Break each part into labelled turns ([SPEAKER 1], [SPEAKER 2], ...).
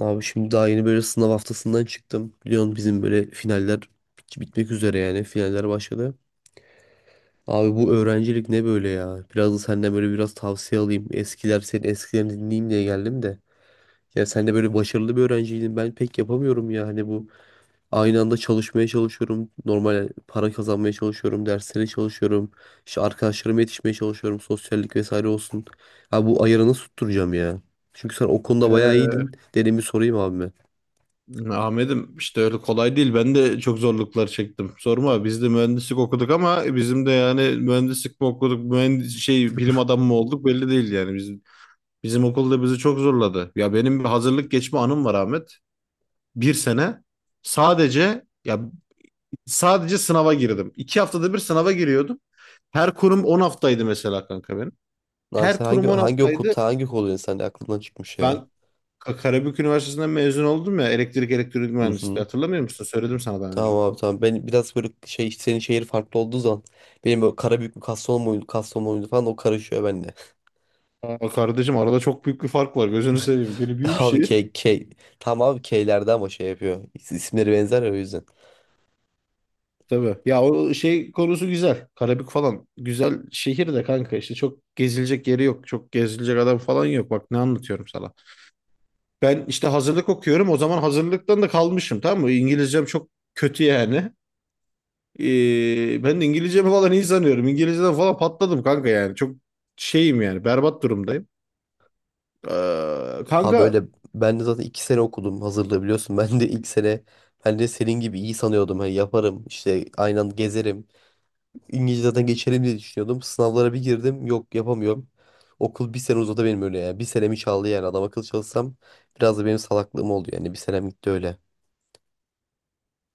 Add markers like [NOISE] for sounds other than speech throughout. [SPEAKER 1] Abi şimdi daha yeni böyle sınav haftasından çıktım. Biliyorsun bizim böyle finaller bitmek üzere, yani finaller başladı. Abi bu öğrencilik ne böyle ya? Biraz da senden böyle biraz tavsiye alayım. Eskiler, senin eskilerini dinleyeyim diye geldim de. Ya sen de böyle başarılı bir öğrenciydin. Ben pek yapamıyorum ya. Hani bu aynı anda çalışmaya çalışıyorum. Normal para kazanmaya çalışıyorum. Derslere çalışıyorum. İşte arkadaşlarıma yetişmeye çalışıyorum. Sosyallik vesaire olsun. Abi bu ayarı nasıl tutturacağım ya? Çünkü sen o konuda bayağı iyiydin. Dedim bir sorayım abi.
[SPEAKER 2] Ahmet'im işte öyle kolay değil. Ben de çok zorluklar çektim. Sorma biz de mühendislik okuduk ama bizim de yani mühendislik mi okuduk, mühendis şey bilim adamı mı olduk belli değil yani. Bizim okulda bizi çok zorladı. Ya benim bir hazırlık geçme anım var Ahmet. Bir sene sadece ya sadece sınava girdim. 2 haftada bir sınava giriyordum. Her kurum 10 haftaydı mesela kanka benim.
[SPEAKER 1] Abi
[SPEAKER 2] Her
[SPEAKER 1] sen hangi
[SPEAKER 2] kurum 10
[SPEAKER 1] hangi okul,
[SPEAKER 2] haftaydı.
[SPEAKER 1] ta hangi okul, insan sen aklından çıkmış ya.
[SPEAKER 2] Ben Karabük Üniversitesi'nden mezun oldum ya, elektrik elektronik
[SPEAKER 1] Hı
[SPEAKER 2] mühendisliği,
[SPEAKER 1] hı.
[SPEAKER 2] hatırlamıyor musun? Söyledim sana daha önce.
[SPEAKER 1] Tamam abi, tamam. Ben biraz böyle şey, senin şehir farklı olduğu zaman benim böyle Karabük mü, Kastamonu muydu falan, o karışıyor bende.
[SPEAKER 2] Aa, kardeşim arada çok büyük bir fark var. Gözünü seveyim. Biri
[SPEAKER 1] [LAUGHS]
[SPEAKER 2] büyük
[SPEAKER 1] Abi
[SPEAKER 2] şehir.
[SPEAKER 1] K, tamam abi. K'lerde ama şey yapıyor. İsimleri benzer ya, o yüzden.
[SPEAKER 2] Tabii. Ya o şey konusu güzel. Karabük falan. Güzel şehir de kanka işte çok gezilecek yeri yok. Çok gezilecek adam falan yok. Bak ne anlatıyorum sana. Ben işte hazırlık okuyorum. O zaman hazırlıktan da kalmışım, tamam mı? İngilizcem çok kötü yani. Ben de İngilizcemi falan iyi sanıyorum. İngilizceden falan patladım kanka yani. Çok şeyim yani. Berbat durumdayım. Ee,
[SPEAKER 1] Abi
[SPEAKER 2] kanka
[SPEAKER 1] böyle, ben de zaten 2 sene okudum hazırlığı biliyorsun. [LAUGHS] Ben de ilk sene, ben de senin gibi iyi sanıyordum. Hani yaparım işte aynı anda gezerim. İngilizce zaten geçelim diye düşünüyordum. Sınavlara bir girdim. Yok, yapamıyorum. Okul bir sene uzadı benim öyle ya. Bir senemi çaldı yani. Adam akıl çalışsam, biraz da benim salaklığım oldu yani. Bir senem gitti öyle.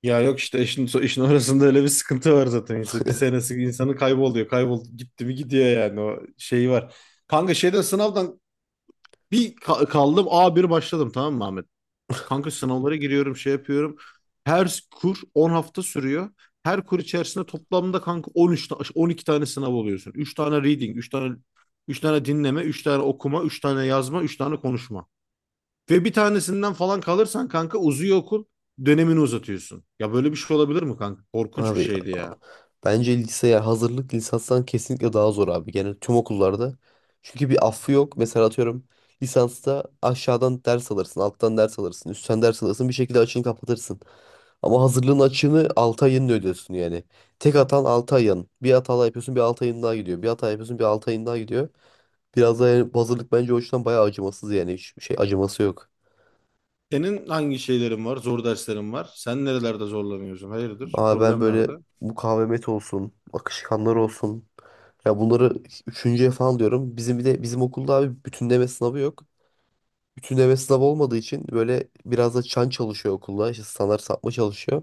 [SPEAKER 2] Ya yok işte işin orasında öyle bir sıkıntı var zaten. İşte bir senesi insanı kayboluyor. Kaybol gitti mi gidiyor yani, o şey var. Kanka şeyden, sınavdan kaldım a bir başladım, tamam mı Ahmet? Kanka sınavlara giriyorum, şey yapıyorum. Her kur 10 hafta sürüyor. Her kur içerisinde toplamda kanka 12 tane sınav oluyorsun. Üç tane reading, üç tane dinleme, 3 tane okuma, 3 tane yazma, 3 tane konuşma. Ve bir tanesinden falan kalırsan kanka uzuyor okul, dönemini uzatıyorsun. Ya böyle bir şey olabilir mi kanka? Korkunç bir
[SPEAKER 1] Abi
[SPEAKER 2] şeydi ya.
[SPEAKER 1] bence liseye hazırlık lisanstan kesinlikle daha zor abi. Genel tüm okullarda. Çünkü bir affı yok. Mesela atıyorum, lisansta aşağıdan ders alırsın, alttan ders alırsın, üstten ders alırsın, bir şekilde açığını kapatırsın. Ama hazırlığın açığını 6 ayını ödüyorsun yani. Tek atan 6 ayın. Bir hata yapıyorsun, bir 6 ayın daha gidiyor. Bir hata yapıyorsun, bir 6 ayın daha gidiyor. Biraz da yani bu hazırlık bence o yüzden bayağı acımasız yani. Hiçbir şey acıması yok.
[SPEAKER 2] Senin hangi şeylerin var? Zor derslerin var. Sen nerelerde zorlanıyorsun? Hayırdır?
[SPEAKER 1] Abi ben
[SPEAKER 2] Problem
[SPEAKER 1] böyle
[SPEAKER 2] nerede?
[SPEAKER 1] mukavemet olsun, akışkanlar olsun. Ya bunları üçüncüye falan diyorum. Bizim, bir de bizim okulda abi bütünleme sınavı yok. Bütünleme sınavı olmadığı için böyle biraz da çan çalışıyor okulda. İşte standart sapma çalışıyor.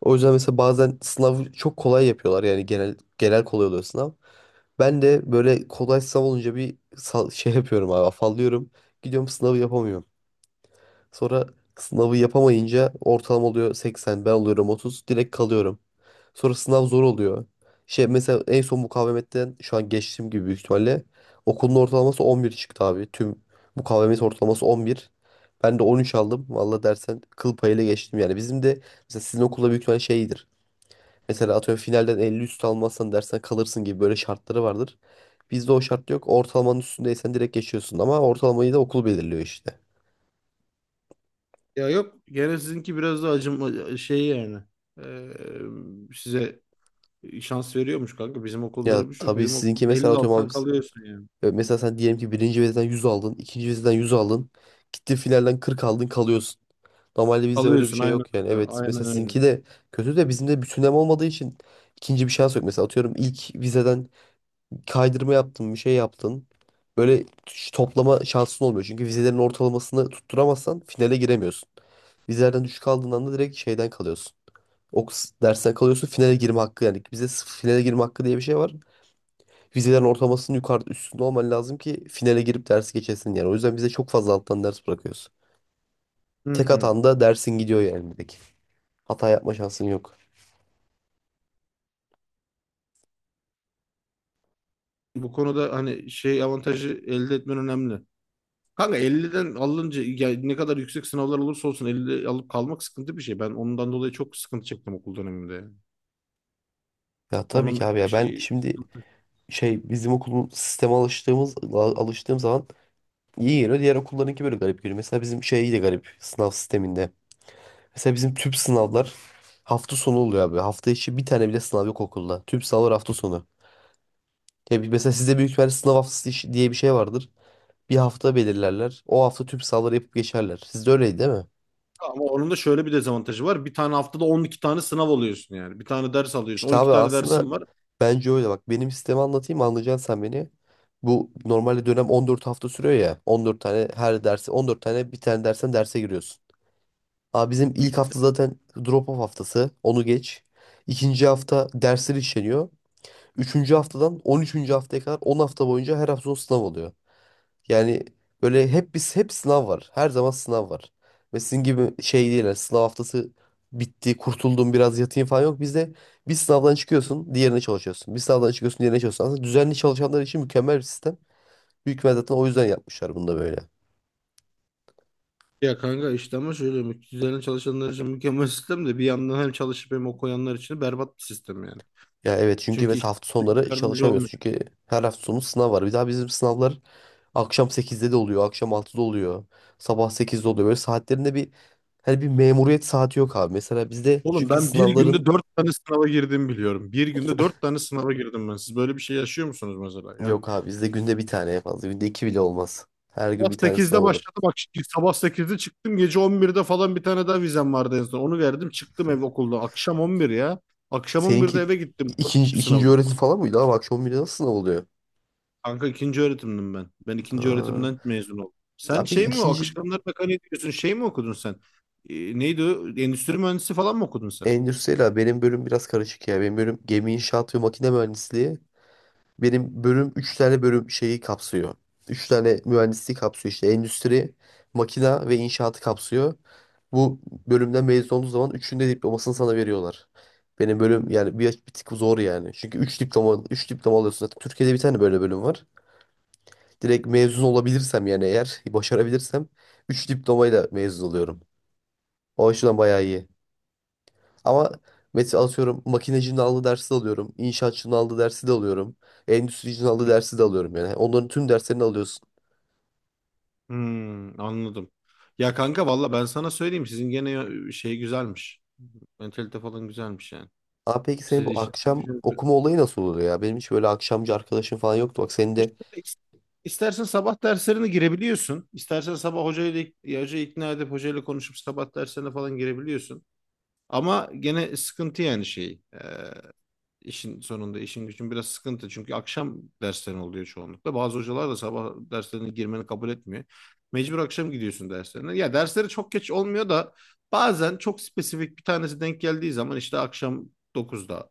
[SPEAKER 1] O yüzden mesela bazen sınavı çok kolay yapıyorlar. Yani genel kolay oluyor sınav. Ben de böyle kolay sınav olunca bir şey yapıyorum abi, afallıyorum. Gidiyorum, sınavı yapamıyorum. Sonra sınavı yapamayınca ortalama oluyor 80, ben oluyorum 30, direkt kalıyorum. Sonra sınav zor oluyor. Şey, mesela en son mukavemetten şu an geçtiğim gibi büyük ihtimalle okulun ortalaması 11 çıktı abi. Tüm mukavemet ortalaması 11. Ben de 13 aldım. Valla dersen kıl payıyla geçtim yani. Bizim de mesela sizin okulda büyük ihtimalle şeydir. Mesela atıyorum finalden 50 üstü almazsan dersen kalırsın gibi böyle şartları vardır. Bizde o şart yok. Ortalamanın üstündeysen direkt geçiyorsun, ama ortalamayı da okul belirliyor işte.
[SPEAKER 2] Ya yok. Gene sizinki biraz da acım şey yani. Ee, Size şans veriyormuş kanka. Bizim okulda
[SPEAKER 1] Ya
[SPEAKER 2] öyle bir şey yok.
[SPEAKER 1] tabii
[SPEAKER 2] Bizim
[SPEAKER 1] sizinki,
[SPEAKER 2] okul
[SPEAKER 1] mesela
[SPEAKER 2] 50
[SPEAKER 1] atıyorum abi,
[SPEAKER 2] alsan kalıyorsun yani.
[SPEAKER 1] mesela sen diyelim ki birinci vizeden 100 aldın, ikinci vizeden 100 aldın. Gittin finalden 40 aldın, kalıyorsun. Normalde bizde öyle bir
[SPEAKER 2] Kalıyorsun
[SPEAKER 1] şey
[SPEAKER 2] aynen
[SPEAKER 1] yok yani.
[SPEAKER 2] öyle.
[SPEAKER 1] Evet
[SPEAKER 2] Aynen
[SPEAKER 1] mesela
[SPEAKER 2] öyle.
[SPEAKER 1] sizinki de kötü, de bizim de bütünleme olmadığı için ikinci bir şans yok. Mesela atıyorum ilk vizeden kaydırma yaptın, bir şey yaptın. Böyle toplama şansın olmuyor. Çünkü vizelerin ortalamasını tutturamazsan finale giremiyorsun. Vizelerden düşük aldığın anda direkt şeyden kalıyorsun. Dersten kalıyorsun, finale girme hakkı yani. Bizde finale girme hakkı diye bir şey var. Vizelerin ortalamasının yukarı üstünde olman lazım ki finale girip dersi geçesin yani. O yüzden bize çok fazla alttan ders bırakıyorsun.
[SPEAKER 2] Hı
[SPEAKER 1] Tek
[SPEAKER 2] hı.
[SPEAKER 1] hatan da dersin gidiyor yani. Bir hata yapma şansın yok.
[SPEAKER 2] Bu konuda hani şey avantajı elde etmen önemli. Kanka 50'den alınca ya ne kadar yüksek sınavlar olursa olsun 50 alıp kalmak sıkıntı bir şey. Ben ondan dolayı çok sıkıntı çektim okul döneminde.
[SPEAKER 1] Ya tabii ki
[SPEAKER 2] Onun
[SPEAKER 1] abi, ya ben
[SPEAKER 2] şey
[SPEAKER 1] şimdi
[SPEAKER 2] sıkıntı.
[SPEAKER 1] şey, bizim okulun sisteme alıştığımız alıştığım zaman iyi geliyor. Diğer okullarınki böyle garip geliyor. Mesela bizim şey de garip sınav sisteminde. Mesela bizim tüp sınavlar hafta sonu oluyor abi. Hafta içi bir tane bile sınav yok okulda. Tüp sınavlar hafta sonu. Ya mesela sizde büyük ihtimalle sınav haftası diye bir şey vardır. Bir hafta belirlerler. O hafta tüm sahaları yapıp geçerler. Sizde öyleydi değil mi?
[SPEAKER 2] Ama onun da şöyle bir dezavantajı var. Bir tane haftada 12 tane sınav alıyorsun yani. Bir tane ders alıyorsun.
[SPEAKER 1] İşte
[SPEAKER 2] 12
[SPEAKER 1] abi
[SPEAKER 2] tane
[SPEAKER 1] aslında
[SPEAKER 2] dersin var.
[SPEAKER 1] bence öyle. Bak benim sistemi anlatayım, anlayacaksın sen beni. Bu normalde dönem 14 hafta sürüyor ya. 14 tane her dersi, 14 tane bir tane dersen derse giriyorsun. Abi bizim ilk hafta zaten drop off haftası. Onu geç. İkinci hafta dersler işleniyor. Üçüncü haftadan 13. haftaya kadar 10 hafta boyunca her hafta son sınav oluyor. Yani böyle hep biz hep sınav var. Her zaman sınav var. Ve sizin gibi şey değil. Yani sınav haftası bitti, kurtuldum, biraz yatayım falan yok. Bizde bir sınavdan çıkıyorsun, diğerine çalışıyorsun. Bir sınavdan çıkıyorsun, diğerine çalışıyorsun. Aslında düzenli çalışanlar için mükemmel bir sistem. Büyük ihtimal zaten o yüzden yapmışlar bunu da böyle.
[SPEAKER 2] Ya kanka işte ama şöyle, üzerine çalışanlar için mükemmel sistem de bir yandan hem çalışıp hem okuyanlar için berbat bir sistem yani.
[SPEAKER 1] Ya evet, çünkü
[SPEAKER 2] Çünkü
[SPEAKER 1] mesela
[SPEAKER 2] işte
[SPEAKER 1] hafta
[SPEAKER 2] hiç
[SPEAKER 1] sonları
[SPEAKER 2] yardımcı
[SPEAKER 1] çalışamıyorsun.
[SPEAKER 2] olmuyor.
[SPEAKER 1] Çünkü her hafta sonu sınav var. Bir daha bizim sınavlar akşam 8'de de oluyor, akşam 6'da oluyor, sabah 8'de oluyor. Böyle saatlerinde bir, hani bir memuriyet saati yok abi. Mesela bizde
[SPEAKER 2] Oğlum
[SPEAKER 1] çünkü
[SPEAKER 2] ben bir günde
[SPEAKER 1] sınavların...
[SPEAKER 2] 4 tane sınava girdiğimi biliyorum. Bir günde 4 tane sınava girdim ben. Siz böyle bir şey yaşıyor musunuz mesela? Yani
[SPEAKER 1] Yok abi, bizde günde bir tane en fazla. Günde iki bile olmaz. Her gün
[SPEAKER 2] Sabah
[SPEAKER 1] bir tane sınav
[SPEAKER 2] sekizde
[SPEAKER 1] olur.
[SPEAKER 2] başladım. Bak, sabah 8'de çıktım. Gece on birde falan bir tane daha vizem vardı en son. Onu verdim. Çıktım ev okulda. Akşam 11 ya. Akşam 11'de
[SPEAKER 1] Seninki
[SPEAKER 2] eve gittim.
[SPEAKER 1] ikinci,
[SPEAKER 2] Dördüncü
[SPEAKER 1] ikinci
[SPEAKER 2] sınavdı.
[SPEAKER 1] öğretim falan mıydı abi? Akşam bile nasıl sınav oluyor?
[SPEAKER 2] Kanka ikinci öğretimdim ben. Ben ikinci
[SPEAKER 1] Ha.
[SPEAKER 2] öğretimden mezun oldum. Sen
[SPEAKER 1] Abi,
[SPEAKER 2] şey mi o?
[SPEAKER 1] ikinci,
[SPEAKER 2] Akışkanlar mekaniği diyorsun. Şey mi okudun sen? Neydi o? Endüstri mühendisi falan mı okudun sen?
[SPEAKER 1] endüstriyel abi. Benim bölüm biraz karışık ya. Benim bölüm gemi inşaat ve makine mühendisliği. Benim bölüm 3 tane bölüm şeyi kapsıyor. Üç tane mühendisliği kapsıyor işte. Endüstri, makina ve inşaatı kapsıyor. Bu bölümden mezun olduğu zaman üçünde diplomasını sana veriyorlar. Benim bölüm yani bir, bir tık zor yani. Çünkü 3 diploma 3 diploma alıyorsun zaten. Türkiye'de bir tane böyle bölüm var. Direkt mezun olabilirsem yani eğer başarabilirsem 3 diplomayla mezun oluyorum. O açıdan bayağı iyi. Ama mesela atıyorum makinecinin aldığı dersi de alıyorum. İnşaatçının aldığı dersi de alıyorum. Endüstricinin aldığı dersi de alıyorum yani. Onların tüm derslerini alıyorsun.
[SPEAKER 2] Hmm, anladım. Ya kanka valla ben sana söyleyeyim. Sizin gene şey güzelmiş. Mentalite falan güzelmiş yani.
[SPEAKER 1] Abi peki, senin
[SPEAKER 2] Siz
[SPEAKER 1] bu
[SPEAKER 2] işiniz
[SPEAKER 1] akşam
[SPEAKER 2] güzel.
[SPEAKER 1] okuma olayı nasıl oluyor ya? Benim hiç böyle akşamcı arkadaşım falan yoktu. Bak senin de
[SPEAKER 2] Şöyle is- İstersen sabah derslerine girebiliyorsun. İstersen sabah hocayla, ya hocayı ikna edip hocayla konuşup sabah derslerine falan girebiliyorsun. Ama gene sıkıntı yani şey. İşin sonunda işin gücün biraz sıkıntı. Çünkü akşam derslerin oluyor çoğunlukla. Bazı hocalar da sabah derslerine girmeni kabul etmiyor. Mecbur akşam gidiyorsun derslerine. Ya dersleri çok geç olmuyor da bazen çok spesifik bir tanesi denk geldiği zaman işte akşam 9'da,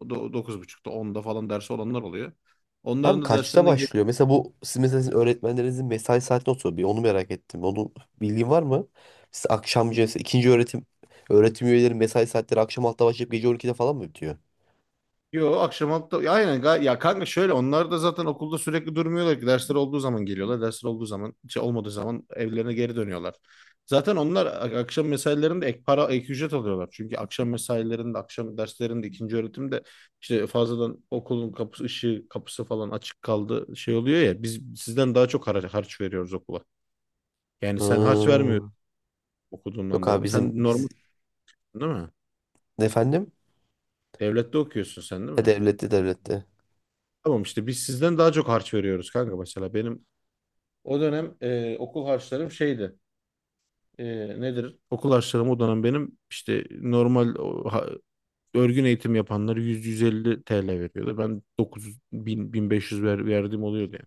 [SPEAKER 2] 9.30'da, 10'da falan dersi olanlar oluyor.
[SPEAKER 1] abi
[SPEAKER 2] Onların da
[SPEAKER 1] kaçta
[SPEAKER 2] derslerine.
[SPEAKER 1] başlıyor? Mesela bu siz, mesela sizin öğretmenlerinizin mesai saati nasıl oluyor? Bir, onu merak ettim. Onun bilgin var mı? Siz akşamcı, mesela ikinci öğretim öğretim üyeleri mesai saatleri akşam altta başlayıp gece 12'de falan mı bitiyor?
[SPEAKER 2] Yo, akşam altta, ya aynen ya kanka, şöyle, onlar da zaten okulda sürekli durmuyorlar ki, dersler olduğu zaman geliyorlar, dersler olduğu zaman şey olmadığı zaman evlerine geri dönüyorlar. Zaten onlar akşam mesailerinde ek para, ek ücret alıyorlar. Çünkü akşam mesailerinde, akşam derslerinde, ikinci öğretimde işte fazladan okulun kapısı ışığı, kapısı falan açık kaldı, şey oluyor ya, biz sizden daha çok harç veriyoruz okula. Yani sen harç
[SPEAKER 1] Ha.
[SPEAKER 2] vermiyorsun okuduğundan
[SPEAKER 1] Yok abi,
[SPEAKER 2] dolayı.
[SPEAKER 1] bizim
[SPEAKER 2] Sen normal
[SPEAKER 1] biz
[SPEAKER 2] değil mi?
[SPEAKER 1] efendim?
[SPEAKER 2] Devlette okuyorsun sen değil
[SPEAKER 1] Ha,
[SPEAKER 2] mi?
[SPEAKER 1] devlette, devlette.
[SPEAKER 2] Tamam işte, biz sizden daha çok harç veriyoruz kanka mesela. Benim o dönem okul harçlarım şeydi. E, Nedir? Okul harçlarım o dönem benim işte, normal o, örgün eğitim yapanlar 100-150 TL veriyordu. Ben 900-1500 verdiğim oluyordu yani.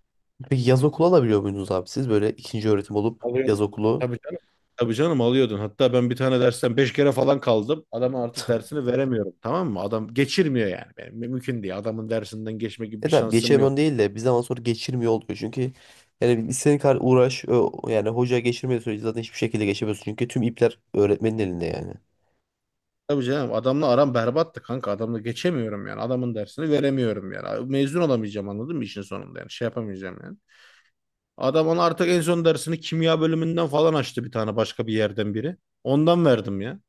[SPEAKER 1] Peki yaz okulu alabiliyor muydunuz abi siz? Böyle ikinci öğretim olup
[SPEAKER 2] Alıyor.
[SPEAKER 1] yaz okulu.
[SPEAKER 2] Tabii canım. Tabii canım alıyordun. Hatta ben bir tane dersten 5 kere falan kaldım. Adama artık dersini veremiyorum. Tamam mı? Adam geçirmiyor yani. Benim, mümkün değil. Adamın dersinden geçme gibi
[SPEAKER 1] E
[SPEAKER 2] bir
[SPEAKER 1] tabi
[SPEAKER 2] şansım yok.
[SPEAKER 1] geçemiyorsun değil de bir zaman sonra geçirmiyor oluyor. Çünkü yani istediğin kadar uğraş yani hoca geçirmediği sürece zaten hiçbir şekilde geçemiyorsun. Çünkü tüm ipler öğretmenin elinde yani.
[SPEAKER 2] Tabii canım adamla aram berbattı kanka. Adamla geçemiyorum yani. Adamın dersini veremiyorum yani. Mezun olamayacağım, anladın mı, işin sonunda yani. Şey yapamayacağım yani. Adam ona artık en son dersini kimya bölümünden falan açtı, bir tane başka bir yerden biri. Ondan verdim ya.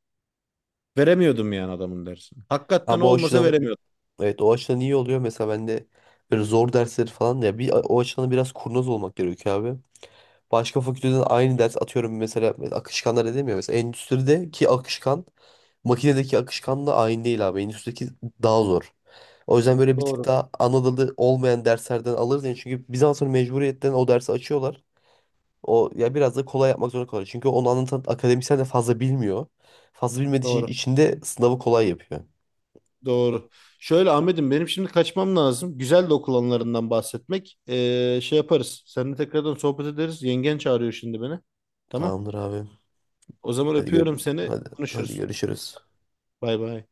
[SPEAKER 2] Veremiyordum yani adamın dersini. Hakikaten
[SPEAKER 1] Abi o
[SPEAKER 2] olmasa
[SPEAKER 1] açıdan,
[SPEAKER 2] veremiyordum.
[SPEAKER 1] evet, o açıdan iyi oluyor. Mesela ben de böyle zor dersleri falan, ya bir, o açıdan biraz kurnaz olmak gerekiyor abi. Başka fakülteden aynı ders atıyorum, mesela akışkanlar edemiyor. Mesela endüstrideki akışkan makinedeki akışkanla aynı değil abi. Endüstrideki daha zor. O yüzden böyle bir tık
[SPEAKER 2] Doğru,
[SPEAKER 1] daha Anadolu olmayan derslerden alırız. Yani çünkü Bizans'ın mecburiyetten o dersi açıyorlar. O ya biraz da kolay yapmak zorunda kalıyor. Çünkü onu anlatan akademisyen de fazla bilmiyor. Fazla bilmediği için
[SPEAKER 2] doğru,
[SPEAKER 1] içinde sınavı kolay yapıyor.
[SPEAKER 2] doğru. Şöyle Ahmet'im, benim şimdi kaçmam lazım. Güzel de okul anılarından bahsetmek. Şey yaparız. Seninle tekrardan sohbet ederiz. Yengen çağırıyor şimdi beni. Tamam.
[SPEAKER 1] Tamamdır abi.
[SPEAKER 2] O zaman
[SPEAKER 1] Hadi gör
[SPEAKER 2] öpüyorum seni.
[SPEAKER 1] Hadi hadi
[SPEAKER 2] Konuşuruz.
[SPEAKER 1] görüşürüz.
[SPEAKER 2] Bay bay.